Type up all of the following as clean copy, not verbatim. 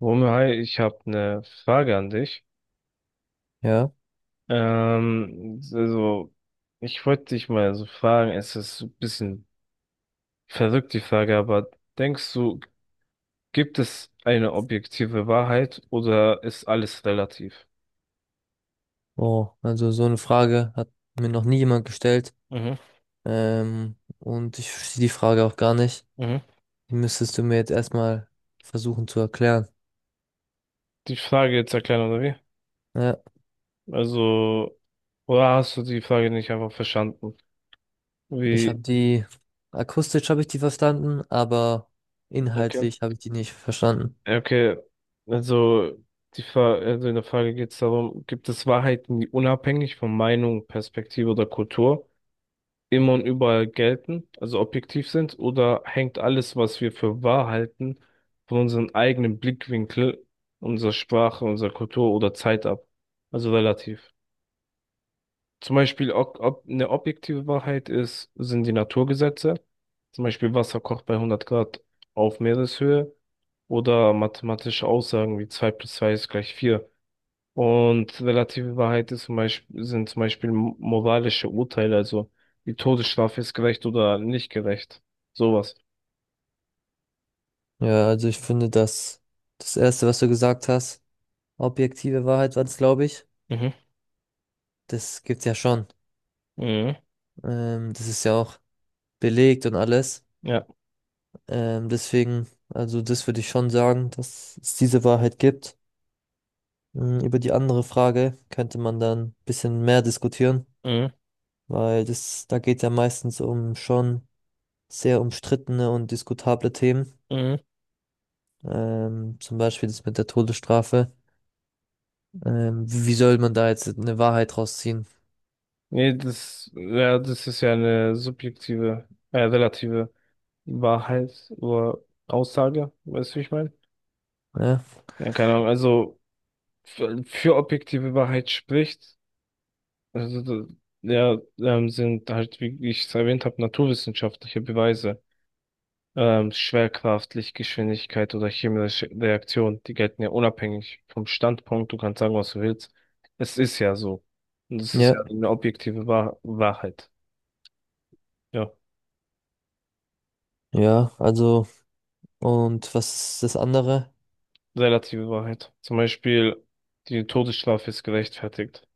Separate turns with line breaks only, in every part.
Romeo, hi, ich habe eine Frage an dich.
Ja,
Also, ich wollte dich mal so fragen, es ist ein bisschen verrückt, die Frage, aber denkst du, gibt es eine objektive Wahrheit oder ist alles relativ?
oh, also so eine Frage hat mir noch nie jemand gestellt.
Mhm,
Und ich verstehe die Frage auch gar nicht.
mhm.
Die müsstest du mir jetzt erstmal versuchen zu erklären.
Die Frage jetzt erklären, oder wie?
Ja,
Also, oder hast du die Frage nicht einfach verstanden?
ich habe
Wie?
die, akustisch habe ich die verstanden, aber
Okay.
inhaltlich habe ich die nicht verstanden.
Ja, okay, also, die Fra also in der Frage geht es darum, gibt es Wahrheiten, die unabhängig von Meinung, Perspektive oder Kultur immer und überall gelten, also objektiv sind, oder hängt alles, was wir für wahr halten, von unserem eigenen Blickwinkel, unserer Sprache, unserer Kultur oder Zeit ab? Also relativ. Zum Beispiel, ob, ob eine objektive Wahrheit ist, sind die Naturgesetze. Zum Beispiel Wasser kocht bei 100 Grad auf Meereshöhe oder mathematische Aussagen wie 2 plus 2 ist gleich 4. Und relative Wahrheit ist zum Beispiel, sind zum Beispiel moralische Urteile, also die Todesstrafe ist gerecht oder nicht gerecht. Sowas.
Ja, also ich finde, dass das Erste, was du gesagt hast, objektive Wahrheit war es, glaube ich.
Mhm.
Das gibt's ja schon.
Mhm.
Das ist ja auch belegt und alles.
Ja.
Deswegen, also das würde ich schon sagen, dass es diese Wahrheit gibt. Über die andere Frage könnte man dann ein bisschen mehr diskutieren,
Mhm.
weil das, da geht ja meistens um schon sehr umstrittene und diskutable Themen.
Mhm.
Zum Beispiel das mit der Todesstrafe. Wie soll man da jetzt eine Wahrheit rausziehen?
Nee, das, ja, das ist ja eine subjektive, relative Wahrheit oder Aussage, weißt du, wie ich meine?
Ja,
Ja, keine Ahnung, also für objektive Wahrheit spricht, also ja, sind halt, wie ich es erwähnt habe, naturwissenschaftliche Beweise, Schwerkraft, Lichtgeschwindigkeit oder chemische Reaktion, die gelten ja unabhängig vom Standpunkt, du kannst sagen, was du willst. Es ist ja so. Und es ist
ja,
ja eine objektive Wahrheit. Ja,
ja, also, und was ist das andere?
relative Wahrheit. Zum Beispiel, die Todesstrafe ist gerechtfertigt.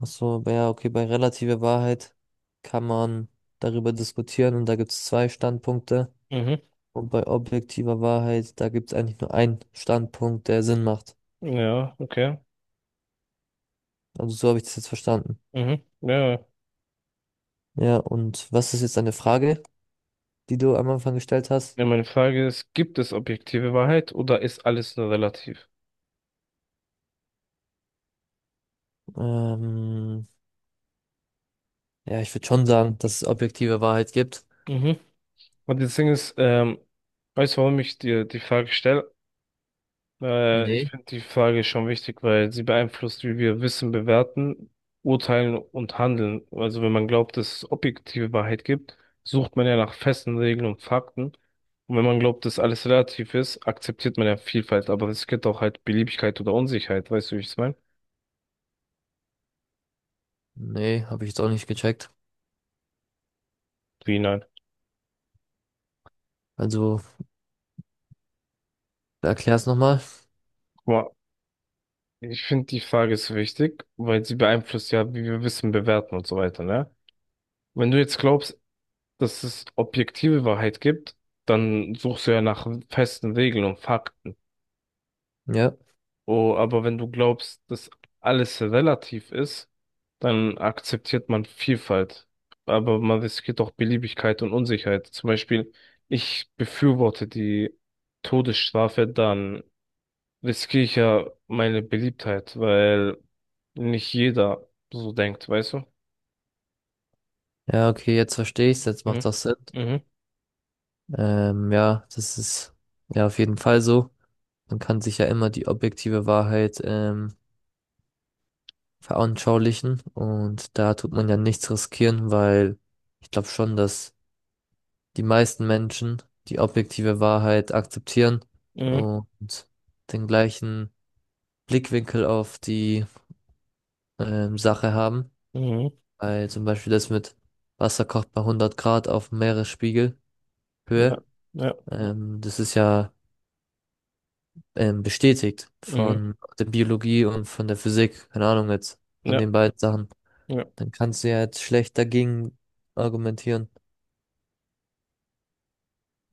Achso, aber ja, okay, bei relativer Wahrheit kann man darüber diskutieren und da gibt es zwei Standpunkte.
Mhm.
Und bei objektiver Wahrheit, da gibt es eigentlich nur einen Standpunkt, der Sinn macht.
Ja, okay.
Also so habe ich das jetzt verstanden.
Mhm. Ja, ja,
Ja, und was ist jetzt deine Frage, die du am Anfang gestellt hast?
ja, meine Frage ist, gibt es objektive Wahrheit oder ist alles nur relativ?
Ähm, ja, ich würde schon sagen, dass es objektive Wahrheit gibt.
Mhm. Und das Ding ist, weißt du, warum ich dir die Frage stelle? Ich
Nee.
finde die Frage schon wichtig, weil sie beeinflusst, wie wir Wissen bewerten, urteilen und handeln. Also wenn man glaubt, dass es objektive Wahrheit gibt, sucht man ja nach festen Regeln und Fakten. Und wenn man glaubt, dass alles relativ ist, akzeptiert man ja Vielfalt, aber es gibt auch halt Beliebigkeit oder Unsicherheit, weißt du, wie ich es meine?
Nee, habe ich jetzt auch nicht gecheckt.
Wie nein?
Also, erklär's nochmal.
Ich finde, die Frage ist wichtig, weil sie beeinflusst ja, wie wir Wissen bewerten und so weiter, ne? Wenn du jetzt glaubst, dass es objektive Wahrheit gibt, dann suchst du ja nach festen Regeln und Fakten.
Ja.
Oh, aber wenn du glaubst, dass alles relativ ist, dann akzeptiert man Vielfalt. Aber man riskiert auch Beliebigkeit und Unsicherheit. Zum Beispiel, ich befürworte die Todesstrafe, dann riskiere ich ja meine Beliebtheit, weil nicht jeder so denkt, weißt du?
Ja, okay, jetzt verstehe ich's, jetzt macht
Mhm.
das Sinn.
Mhm.
Ja, das ist ja auf jeden Fall so. Man kann sich ja immer die objektive Wahrheit veranschaulichen und da tut man ja nichts riskieren, weil ich glaube schon, dass die meisten Menschen die objektive Wahrheit akzeptieren
Mhm.
und den gleichen Blickwinkel auf die Sache haben.
Mhm.
Weil zum Beispiel das mit Wasser kocht bei 100 Grad auf Meeresspiegelhöhe.
Ja. Ja.
Das ist ja bestätigt
Mhm.
von der Biologie und von der Physik, keine Ahnung jetzt, von
Ja.
den beiden Sachen,
Ja.
dann kannst du ja jetzt schlecht dagegen argumentieren.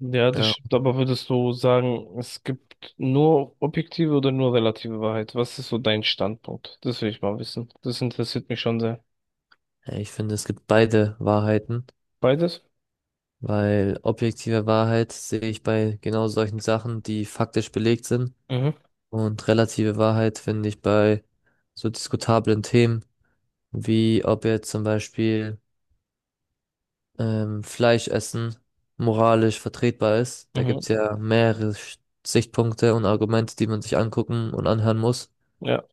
Ja, das
Ja,
stimmt. Aber würdest du sagen, es gibt nur objektive oder nur relative Wahrheit? Was ist so dein Standpunkt? Das will ich mal wissen. Das interessiert mich schon sehr.
ja, ich finde, es gibt beide Wahrheiten,
Beides?
weil objektive Wahrheit sehe ich bei genau solchen Sachen, die faktisch belegt sind,
Mhm.
und relative Wahrheit finde ich bei so diskutablen Themen, wie ob jetzt zum Beispiel Fleisch essen moralisch vertretbar ist. Da
Mhm.
gibt's ja mehrere Sichtpunkte und Argumente, die man sich angucken und anhören muss.
Ja.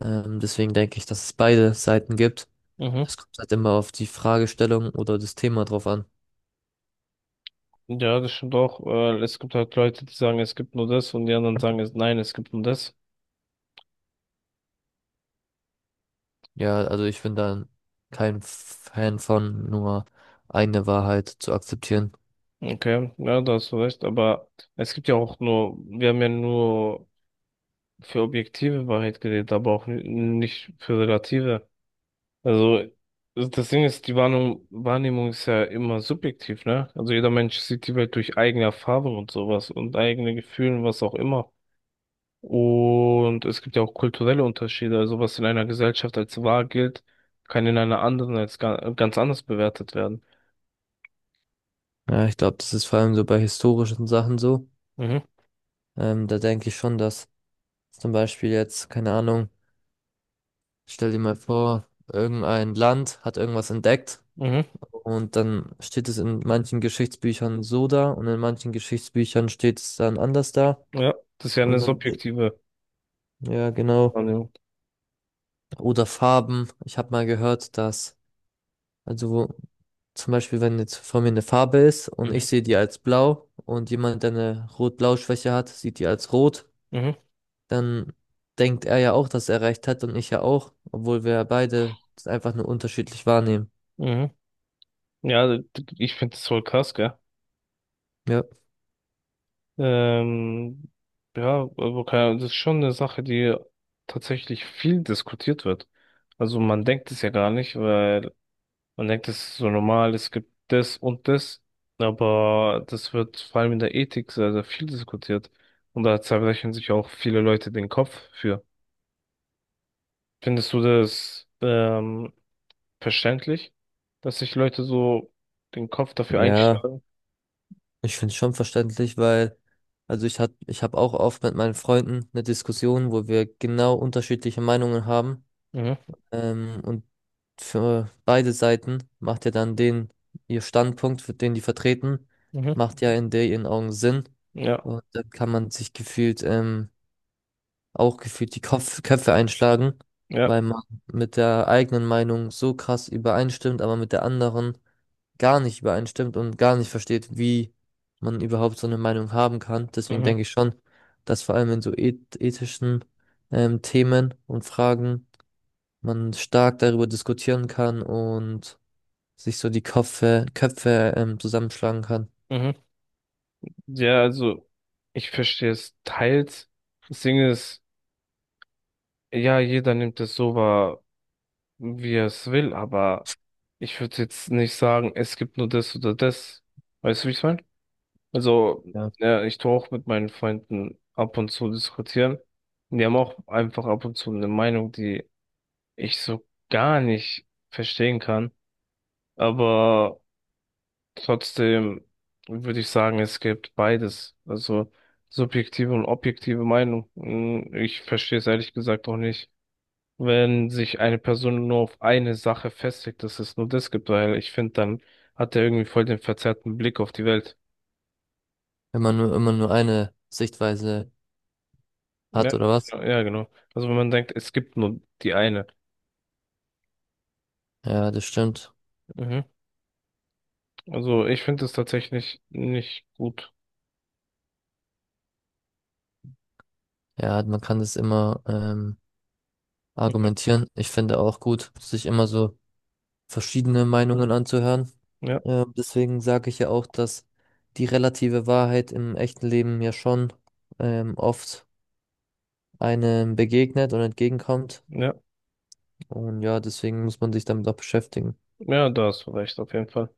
Deswegen denke ich, dass es beide Seiten gibt.
Mhm.
Es kommt halt immer auf die Fragestellung oder das Thema drauf an.
Ja, das stimmt auch. Es gibt halt Leute, die sagen, es gibt nur das und die anderen sagen, es, nein, es gibt nur das.
Ja, also ich bin da kein Fan von, nur eine Wahrheit zu akzeptieren.
Okay, ja, da hast du recht, aber es gibt ja auch nur, wir haben ja nur für objektive Wahrheit geredet, aber auch nicht für relative. Also das Ding ist, die Wahrnehmung, Wahrnehmung ist ja immer subjektiv, ne? Also jeder Mensch sieht die Welt durch eigene Erfahrungen und sowas und eigene Gefühle und was auch immer. Und es gibt ja auch kulturelle Unterschiede, also was in einer Gesellschaft als wahr gilt, kann in einer anderen als ganz anders bewertet werden.
Ja, ich glaube, das ist vor allem so bei historischen Sachen so.
Mhm,
Da denke ich schon, dass zum Beispiel jetzt, keine Ahnung, stell dir mal vor, irgendein Land hat irgendwas entdeckt
mhm,
und dann steht es in manchen Geschichtsbüchern so da und in manchen Geschichtsbüchern steht es dann anders da.
ja, das ist ja eine
Und dann,
subjektive
ja, genau.
Wahrnehmung.
Oder Farben. Ich habe mal gehört, dass, also wo, zum Beispiel, wenn jetzt vor mir eine Farbe ist und ich
Mhm.
sehe die als blau und jemand, der eine Rot-Blau-Schwäche hat, sieht die als rot,
Mhm,
dann denkt er ja auch, dass er recht hat und ich ja auch, obwohl wir beide das einfach nur unterschiedlich wahrnehmen.
mhm. Ja, ich finde das voll krass, gell?
Ja.
Ähm, ja, aber keine Ahnung, das ist schon eine Sache, die tatsächlich viel diskutiert wird. Also man denkt es ja gar nicht, weil man denkt, es ist so normal, es gibt das und das, aber das wird vor allem in der Ethik sehr, sehr viel diskutiert. Und da zerbrechen sich auch viele Leute den Kopf für. Findest du das verständlich, dass sich Leute so den Kopf dafür
Ja,
einschlagen?
ich finde es schon verständlich, weil, ich habe auch oft mit meinen Freunden eine Diskussion, wo wir genau unterschiedliche Meinungen haben.
Mhm,
Und für beide Seiten macht ja dann den, ihr Standpunkt, für den die vertreten,
mhm.
macht ja in der ihren Augen Sinn.
Ja.
Und dann kann man sich gefühlt, auch gefühlt die Kopf Köpfe einschlagen,
Ja,
weil man mit der eigenen Meinung so krass übereinstimmt, aber mit der anderen gar nicht übereinstimmt und gar nicht versteht, wie man überhaupt so eine Meinung haben kann. Deswegen
mhm,
denke ich schon, dass vor allem in so ethischen Themen und Fragen man stark darüber diskutieren kann und sich so die Köpfe zusammenschlagen kann.
mhm. Ja, also ich verstehe es teils. Das Ding ist, ja, jeder nimmt es so wahr, wie er es will, aber ich würde jetzt nicht sagen, es gibt nur das oder das. Weißt du, wie ich meine? Also,
Ja.
ja, ich tue auch mit meinen Freunden ab und zu diskutieren. Und die haben auch einfach ab und zu eine Meinung, die ich so gar nicht verstehen kann. Aber trotzdem würde ich sagen, es gibt beides. Also subjektive und objektive Meinung. Ich verstehe es ehrlich gesagt auch nicht, wenn sich eine Person nur auf eine Sache festlegt, dass es nur das gibt, weil ich finde, dann hat er irgendwie voll den verzerrten Blick auf die Welt.
Wenn man nur immer nur eine Sichtweise
Ja,
hat oder was.
genau, ja, genau. Also wenn man denkt, es gibt nur die eine.
Ja, das stimmt.
Mhm. Also ich finde es tatsächlich nicht gut.
Ja, man kann das immer
Okay.
argumentieren. Ich finde auch gut, sich immer so verschiedene Meinungen anzuhören.
Ja,
Deswegen sage ich ja auch, dass die relative Wahrheit im echten Leben ja schon oft einem begegnet und entgegenkommt.
ja,
Und ja, deswegen muss man sich damit auch beschäftigen.
ja, da hast du recht, auf jeden Fall.